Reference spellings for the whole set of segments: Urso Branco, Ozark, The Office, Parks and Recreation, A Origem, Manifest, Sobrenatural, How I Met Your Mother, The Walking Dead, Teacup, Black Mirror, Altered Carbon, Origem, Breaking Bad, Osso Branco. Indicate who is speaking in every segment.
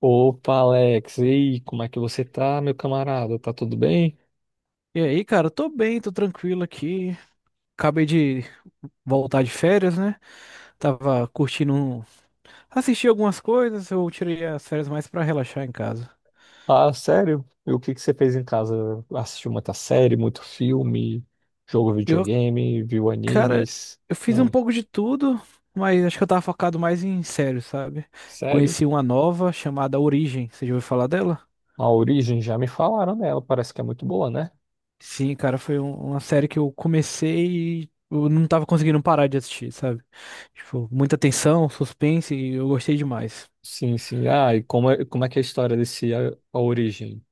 Speaker 1: Opa, Alex, e aí, como é que você tá, meu camarada? Tá tudo bem?
Speaker 2: E aí, cara, tô bem, tô tranquilo aqui. Acabei de voltar de férias, né? Tava curtindo, assisti algumas coisas, eu tirei as férias mais pra relaxar em casa.
Speaker 1: Ah, sério? E o que que você fez em casa? Assistiu muita série, muito filme, jogou
Speaker 2: Eu,
Speaker 1: videogame, viu
Speaker 2: cara,
Speaker 1: animes?
Speaker 2: eu fiz um
Speaker 1: Não,
Speaker 2: pouco de tudo, mas acho que eu tava focado mais em séries, sabe?
Speaker 1: sério?
Speaker 2: Conheci uma nova chamada Origem, você já ouviu falar dela?
Speaker 1: A Origem, já me falaram dela, parece que é muito boa, né?
Speaker 2: Sim, cara, foi uma série que eu comecei e eu não tava conseguindo parar de assistir, sabe? Tipo, muita tensão, suspense e eu gostei demais.
Speaker 1: Sim, sim. Ah, e como é que é a história desse A Origem?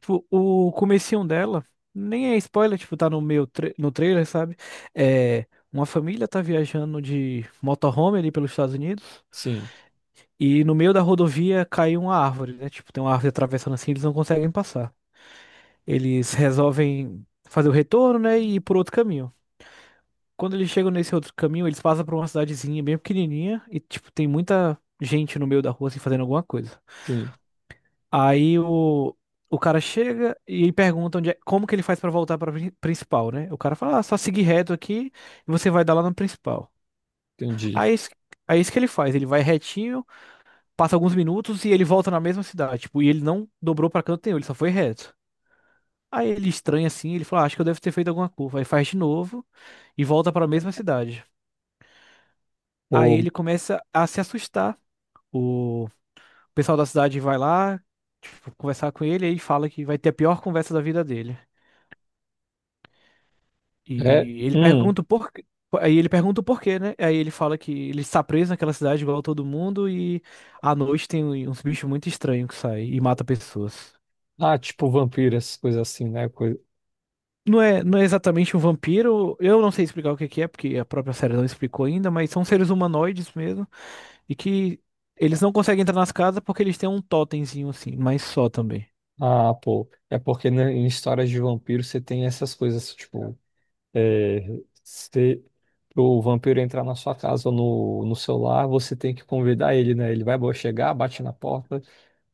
Speaker 2: Tipo, o comecinho dela, nem é spoiler, tipo, tá no no trailer, sabe? É, uma família tá viajando de motorhome ali pelos Estados Unidos
Speaker 1: Sim,
Speaker 2: e no meio da rodovia cai uma árvore, né? Tipo, tem uma árvore atravessando assim, eles não conseguem passar. Eles resolvem fazer o retorno, né, e ir por outro caminho. Quando eles chegam nesse outro caminho, eles passam por uma cidadezinha bem pequenininha e, tipo, tem muita gente no meio da rua, assim, fazendo alguma coisa.
Speaker 1: sim,
Speaker 2: Aí o cara chega e pergunta onde é, como que ele faz pra voltar pra principal, né? O cara fala, ah, só seguir reto aqui e você vai dar lá no principal.
Speaker 1: entendi.
Speaker 2: Aí é isso, aí é isso que ele faz, ele vai retinho, passa alguns minutos e ele volta na mesma cidade, tipo, e ele não dobrou pra canto nenhum, ele só foi reto. Aí ele estranha assim, ele fala, "Ah, acho que eu devo ter feito alguma curva." Aí faz de novo e volta pra mesma cidade. Aí
Speaker 1: Ou
Speaker 2: ele começa a se assustar. O pessoal da cidade vai lá, tipo, conversar com ele e fala que vai ter a pior conversa da vida dele.
Speaker 1: é,
Speaker 2: E ele
Speaker 1: hum,
Speaker 2: pergunta o porquê. Aí ele pergunta o porquê, né? Aí ele fala que ele está preso naquela cidade igual a todo mundo e à noite tem uns bichos muito estranhos que saem e mata pessoas.
Speaker 1: tipo vampiras, coisas assim, né?
Speaker 2: Não é exatamente um vampiro, eu não sei explicar o que que é, porque a própria série não explicou ainda, mas são seres humanoides mesmo e que eles não conseguem entrar nas casas porque eles têm um totemzinho assim, mas só também.
Speaker 1: Ah, pô, é porque né, em histórias de vampiro você tem essas coisas, tipo, se o vampiro entrar na sua casa ou no seu lar, você tem que convidar ele, né? Ele vai chegar, bate na porta,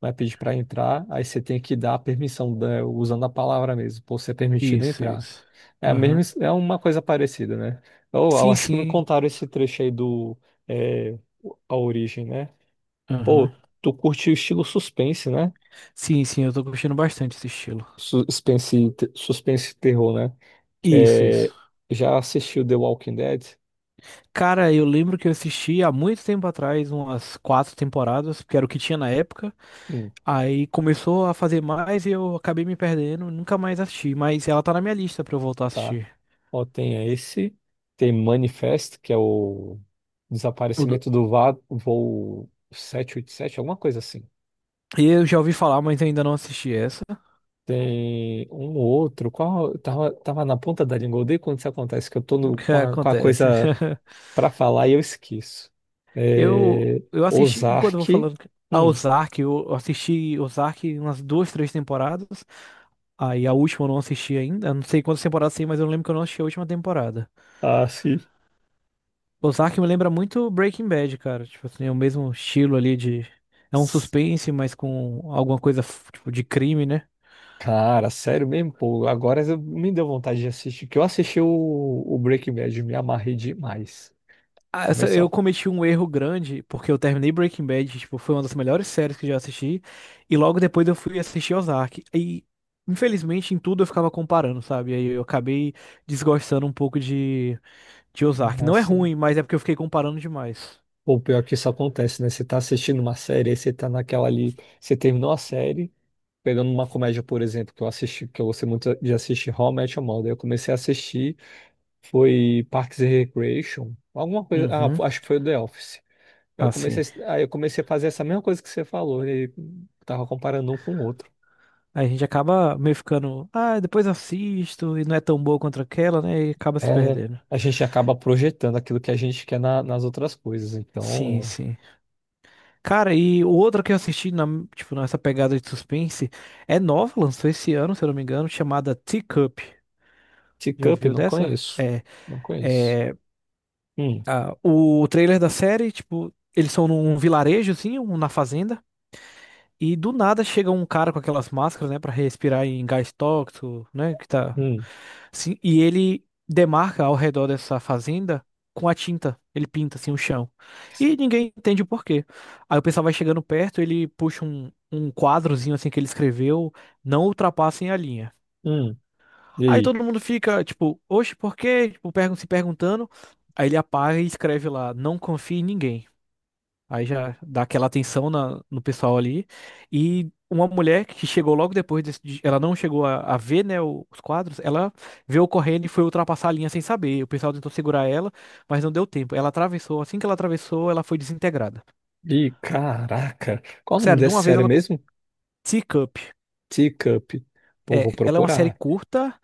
Speaker 1: vai pedir pra entrar, aí você tem que dar a permissão, usando a palavra mesmo, por ser permitido
Speaker 2: Isso,
Speaker 1: entrar.
Speaker 2: isso.
Speaker 1: É a mesma,
Speaker 2: Aham.
Speaker 1: é uma coisa parecida, né? Eu
Speaker 2: Sim,
Speaker 1: acho que me
Speaker 2: sim.
Speaker 1: contaram esse trecho aí do, é, A Origem, né?
Speaker 2: Aham.
Speaker 1: Pô, tu curte o estilo suspense, né?
Speaker 2: Sim, sim, eu tô curtindo bastante esse estilo.
Speaker 1: Suspense, suspense e terror, né?
Speaker 2: Isso,
Speaker 1: É,
Speaker 2: isso.
Speaker 1: já assistiu The Walking Dead?
Speaker 2: Cara, eu lembro que eu assisti há muito tempo atrás, umas quatro temporadas, porque era o que tinha na época.
Speaker 1: Hum,
Speaker 2: Aí começou a fazer mais e eu acabei me perdendo, nunca mais assisti. Mas ela tá na minha lista pra eu voltar a
Speaker 1: tá.
Speaker 2: assistir.
Speaker 1: Ó, tem esse, tem Manifest, que é o
Speaker 2: O do-
Speaker 1: desaparecimento do voo 787, alguma coisa assim.
Speaker 2: E eu já ouvi falar, mas ainda não assisti essa.
Speaker 1: Tem um ou outro, qual, tava na ponta da língua, eu odeio quando isso acontece, que eu tô no- com a, com a
Speaker 2: Acontece.
Speaker 1: coisa pra falar e eu esqueço. É,
Speaker 2: Eu assisti, enquanto eu vou
Speaker 1: Ozark,
Speaker 2: falando, a
Speaker 1: hum,
Speaker 2: Ozark, eu assisti Ozark umas duas, três temporadas. Aí a última eu não assisti ainda. Eu não sei quantas temporadas tem, mas eu lembro que eu não assisti a última temporada.
Speaker 1: sim.
Speaker 2: Ozark me lembra muito Breaking Bad, cara. Tipo assim, é o mesmo estilo ali de. É um suspense, mas com alguma coisa, f- tipo, de crime, né?
Speaker 1: Cara, sério mesmo, pô. Agora me deu vontade de assistir, que eu assisti o Breaking Bad, me amarrei demais.
Speaker 2: Ah, eu
Speaker 1: Começou
Speaker 2: cometi um erro grande, porque eu terminei Breaking Bad, tipo, foi uma das melhores séries que eu já assisti. E logo depois eu fui assistir Ozark. E, infelizmente, em tudo eu ficava comparando, sabe? Aí eu acabei desgostando um pouco de Ozark. Não é
Speaker 1: assim.
Speaker 2: ruim, mas é porque eu fiquei comparando demais.
Speaker 1: Pô, pior que isso acontece, né? Você tá assistindo uma série, aí você tá naquela ali. Você terminou a série, pegando uma comédia, por exemplo, que eu assisti, que eu gostei muito de assistir How I Met Your Mother. Eu comecei a assistir, foi Parks and Recreation, alguma coisa. Ah,
Speaker 2: Uhum.
Speaker 1: acho que foi o The Office. Aí Eu
Speaker 2: Assim.
Speaker 1: comecei, aí eu comecei a fazer essa mesma coisa que você falou, e tava comparando um com o outro.
Speaker 2: A gente acaba meio ficando, ah, depois assisto, e não é tão boa quanto aquela, né? E acaba se
Speaker 1: É,
Speaker 2: perdendo.
Speaker 1: a gente acaba projetando aquilo que a gente quer nas outras coisas.
Speaker 2: Sim,
Speaker 1: Então,
Speaker 2: sim. Cara, e o outro que eu assisti, na, tipo, nessa pegada de suspense, é nova, lançou esse ano, se eu não me engano, chamada Teacup. Já
Speaker 1: Teacup,
Speaker 2: ouviu
Speaker 1: não
Speaker 2: dessa?
Speaker 1: conheço. Não conheço.
Speaker 2: É,
Speaker 1: Hum,
Speaker 2: ah, o trailer da série, tipo, eles são num vilarejo, assim, na fazenda. E do nada chega um cara com aquelas máscaras, né, pra respirar em gás tóxico, né, que tá
Speaker 1: hum,
Speaker 2: assim, e ele demarca ao redor dessa fazenda com a tinta, ele pinta assim o chão. E ninguém entende o porquê. Aí o pessoal vai chegando perto, ele puxa um quadrozinho assim que ele escreveu, não ultrapassem a linha.
Speaker 1: hum. E
Speaker 2: Aí
Speaker 1: aí?
Speaker 2: todo mundo fica tipo, oxe, por quê? Tipo, se perguntando. Aí ele apaga e escreve lá, não confie em ninguém. Aí já dá aquela atenção na- no pessoal ali. E uma mulher que chegou logo depois, ela não chegou a ver, né, os quadros, ela veio correndo e foi ultrapassar a linha sem saber. O pessoal tentou segurar ela, mas não deu tempo. Ela atravessou, assim que ela atravessou, ela foi desintegrada.
Speaker 1: Ih, caraca. Qual o nome
Speaker 2: Sério, de
Speaker 1: dessa
Speaker 2: uma vez
Speaker 1: série
Speaker 2: ela.
Speaker 1: mesmo?
Speaker 2: Teacup.
Speaker 1: Teacup. Pô,
Speaker 2: É,
Speaker 1: vou
Speaker 2: ela é uma série
Speaker 1: procurar.
Speaker 2: curta,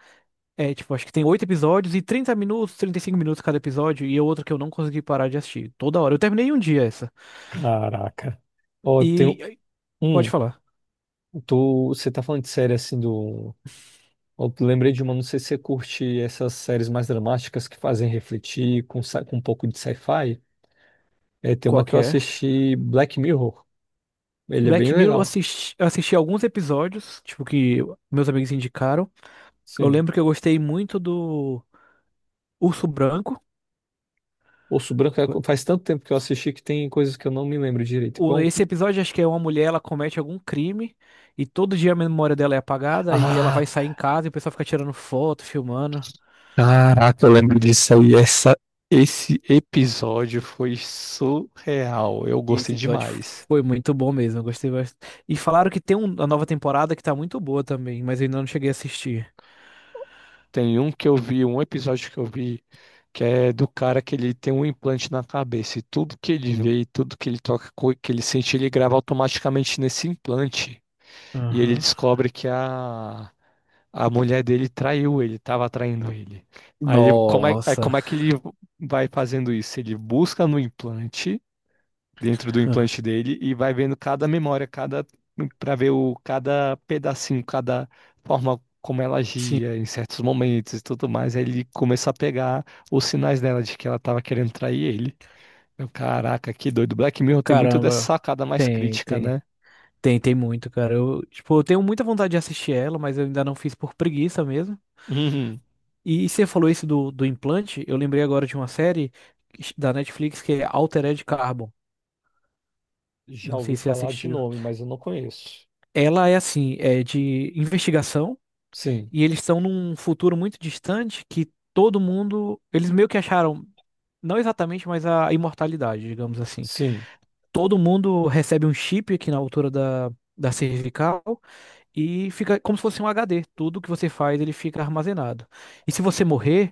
Speaker 2: é, tipo, acho que tem oito episódios e 30 minutos, 35 minutos cada episódio, e é outra que eu não consegui parar de assistir. Toda hora. Eu terminei em um dia essa.
Speaker 1: Caraca. Ó, tem um.
Speaker 2: E. Pode
Speaker 1: hum,
Speaker 2: falar.
Speaker 1: você tá falando de série assim do. Eu lembrei de uma, não sei se você curte essas séries mais dramáticas que fazem refletir com um pouco de sci-fi. É, tem uma
Speaker 2: Qual
Speaker 1: que eu
Speaker 2: que é?
Speaker 1: assisti, Black Mirror. Ele é bem
Speaker 2: Black Mirror, eu
Speaker 1: legal.
Speaker 2: assisti, eu assisti alguns episódios, tipo, que meus amigos indicaram. Eu
Speaker 1: Sim.
Speaker 2: lembro que eu gostei muito do Urso Branco.
Speaker 1: Osso Branco é faz tanto tempo que eu assisti que tem coisas que eu não me lembro direito.
Speaker 2: O-
Speaker 1: Bom.
Speaker 2: Esse episódio, acho que é uma mulher, ela comete algum crime e todo dia a memória dela é apagada e ela
Speaker 1: Ah,
Speaker 2: vai sair em casa e o pessoal fica tirando foto, filmando.
Speaker 1: caraca, eu lembro disso aí. Esse episódio foi surreal. Eu
Speaker 2: E
Speaker 1: gostei
Speaker 2: Esse episódio
Speaker 1: demais.
Speaker 2: foi muito bom mesmo, eu gostei bastante. E falaram que tem uma nova temporada que tá muito boa também, mas eu ainda não cheguei a assistir.
Speaker 1: Tem um que eu vi, um episódio que eu vi, que é do cara que ele tem um implante na cabeça e tudo que ele vê e tudo que ele toca, que ele sente, ele grava automaticamente nesse implante. E ele
Speaker 2: Aham.
Speaker 1: descobre que a mulher dele traiu ele, estava traindo ele. Aí
Speaker 2: Nossa.
Speaker 1: como é que ele vai fazendo isso? Ele busca no implante, dentro do implante dele, e vai vendo cada memória, cada para ver o cada pedacinho, cada forma como ela
Speaker 2: Sim,
Speaker 1: agia em certos momentos e tudo mais. Aí ele começa a pegar os sinais dela de que ela estava querendo trair ele. Eu, caraca, que doido. Black Mirror tem muito dessa
Speaker 2: caramba.
Speaker 1: sacada mais
Speaker 2: Tem,
Speaker 1: crítica,
Speaker 2: tem.
Speaker 1: né?
Speaker 2: Tem, tem muito, cara. Tipo, eu tenho muita vontade de assistir ela, mas eu ainda não fiz por preguiça mesmo. E você falou isso do implante, eu lembrei agora de uma série da Netflix que é Altered Carbon.
Speaker 1: Já
Speaker 2: Não
Speaker 1: ouvi
Speaker 2: sei se você
Speaker 1: falar de
Speaker 2: assistiu.
Speaker 1: nome, mas eu não conheço.
Speaker 2: Ela é assim, é de investigação,
Speaker 1: Sim,
Speaker 2: e eles estão num futuro muito distante que todo mundo. Eles meio que acharam, não exatamente, mas a imortalidade, digamos assim.
Speaker 1: sim,
Speaker 2: Todo mundo recebe um chip aqui na altura da cervical. E fica como se fosse um HD. Tudo que você faz, ele fica armazenado. E se você morrer,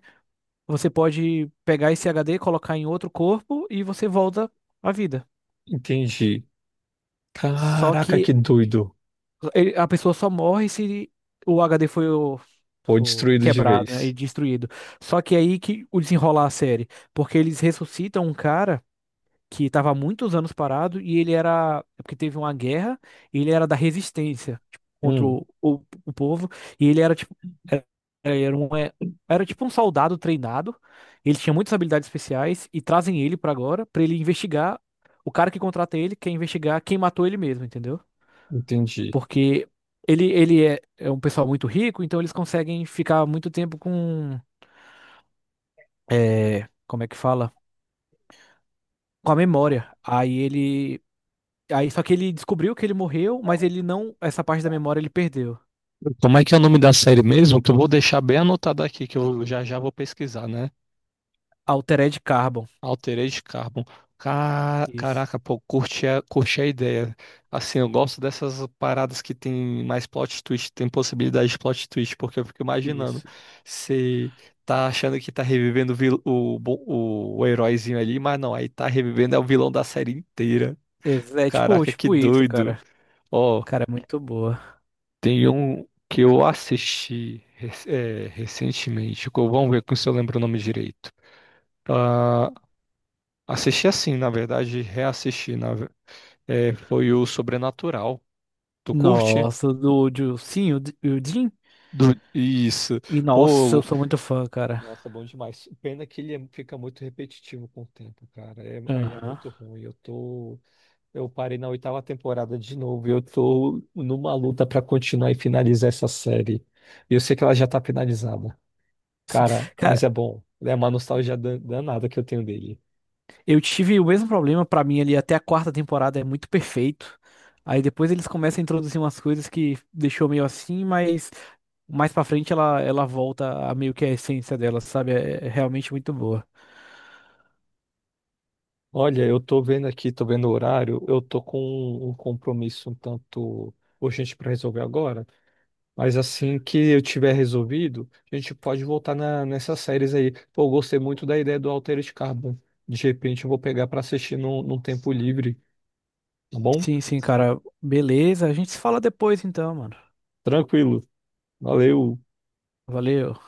Speaker 2: você pode pegar esse HD, colocar em outro corpo e você volta à vida.
Speaker 1: entendi.
Speaker 2: Só
Speaker 1: Caraca, que
Speaker 2: que
Speaker 1: doido.
Speaker 2: a pessoa só morre se o HD foi, o-
Speaker 1: Foi
Speaker 2: for
Speaker 1: destruído de
Speaker 2: quebrado, né, e
Speaker 1: vez.
Speaker 2: destruído. Só que é aí que o desenrolar a série, porque eles ressuscitam um cara que estava há muitos anos parado e ele era, é porque teve uma guerra, e ele era da resistência, tipo, contra
Speaker 1: Hum,
Speaker 2: o povo, e ele era tipo, era, era um, é, era tipo um soldado treinado, ele tinha muitas habilidades especiais e trazem ele pra agora pra ele investigar, o cara que contrata ele quer investigar quem matou ele mesmo, entendeu?
Speaker 1: entendi.
Speaker 2: Porque ele é um pessoal muito rico, então eles conseguem ficar muito tempo com, como é que fala? Com a memória. Aí só que ele descobriu que ele morreu, mas ele não. Essa parte da memória ele perdeu.
Speaker 1: Como é que é o nome da série mesmo? Que eu vou deixar bem anotado aqui, que eu já já vou pesquisar, né?
Speaker 2: Altered Carbon.
Speaker 1: Altered Carbon.
Speaker 2: Isso,
Speaker 1: Caraca, pô, curti a ideia. Assim, eu gosto dessas paradas que tem mais plot twist, tem possibilidade de plot twist, porque eu fico imaginando.
Speaker 2: isso.
Speaker 1: Você tá achando que tá revivendo o, vil- o, bo- o heróizinho ali, mas não, aí tá revivendo é o vilão da série inteira.
Speaker 2: É tipo,
Speaker 1: Caraca, que
Speaker 2: tipo isso,
Speaker 1: doido.
Speaker 2: cara.
Speaker 1: Ó,
Speaker 2: Cara, é muito boa.
Speaker 1: tem um que eu assisti recentemente. Vamos ver se eu lembro o nome direito. Ah, assisti assim, na verdade, reassisti. É, foi o Sobrenatural. Tu curte?
Speaker 2: Nossa, do sim, o Jim.
Speaker 1: Isso.
Speaker 2: E nossa, eu
Speaker 1: Pô,
Speaker 2: sou muito fã, cara.
Speaker 1: nossa, bom demais. Pena que ele fica muito repetitivo com o tempo, cara. Aí é
Speaker 2: Aham.
Speaker 1: muito ruim. Eu parei na oitava temporada de novo. E eu tô numa luta pra continuar e finalizar essa série. E eu sei que ela já tá finalizada,
Speaker 2: Sim.
Speaker 1: cara.
Speaker 2: Cara,
Speaker 1: Mas é bom. É uma nostalgia danada que eu tenho dele.
Speaker 2: eu tive o mesmo problema pra mim ali até a quarta temporada, é muito perfeito. Aí depois eles começam a introduzir umas coisas que deixou meio assim, mas mais pra frente ela volta a meio que a essência dela, sabe? É realmente muito boa.
Speaker 1: Olha, eu tô vendo aqui, tô vendo o horário. Eu tô com um compromisso um tanto urgente pra resolver agora. Mas assim que eu tiver resolvido, a gente pode voltar nessas séries aí. Pô, eu gostei muito da ideia do Altered Carbon. De repente eu vou pegar pra assistir num tempo livre, tá bom?
Speaker 2: Sim, sim, cara. Beleza. A gente se fala depois então, mano.
Speaker 1: Tranquilo. Valeu.
Speaker 2: Valeu.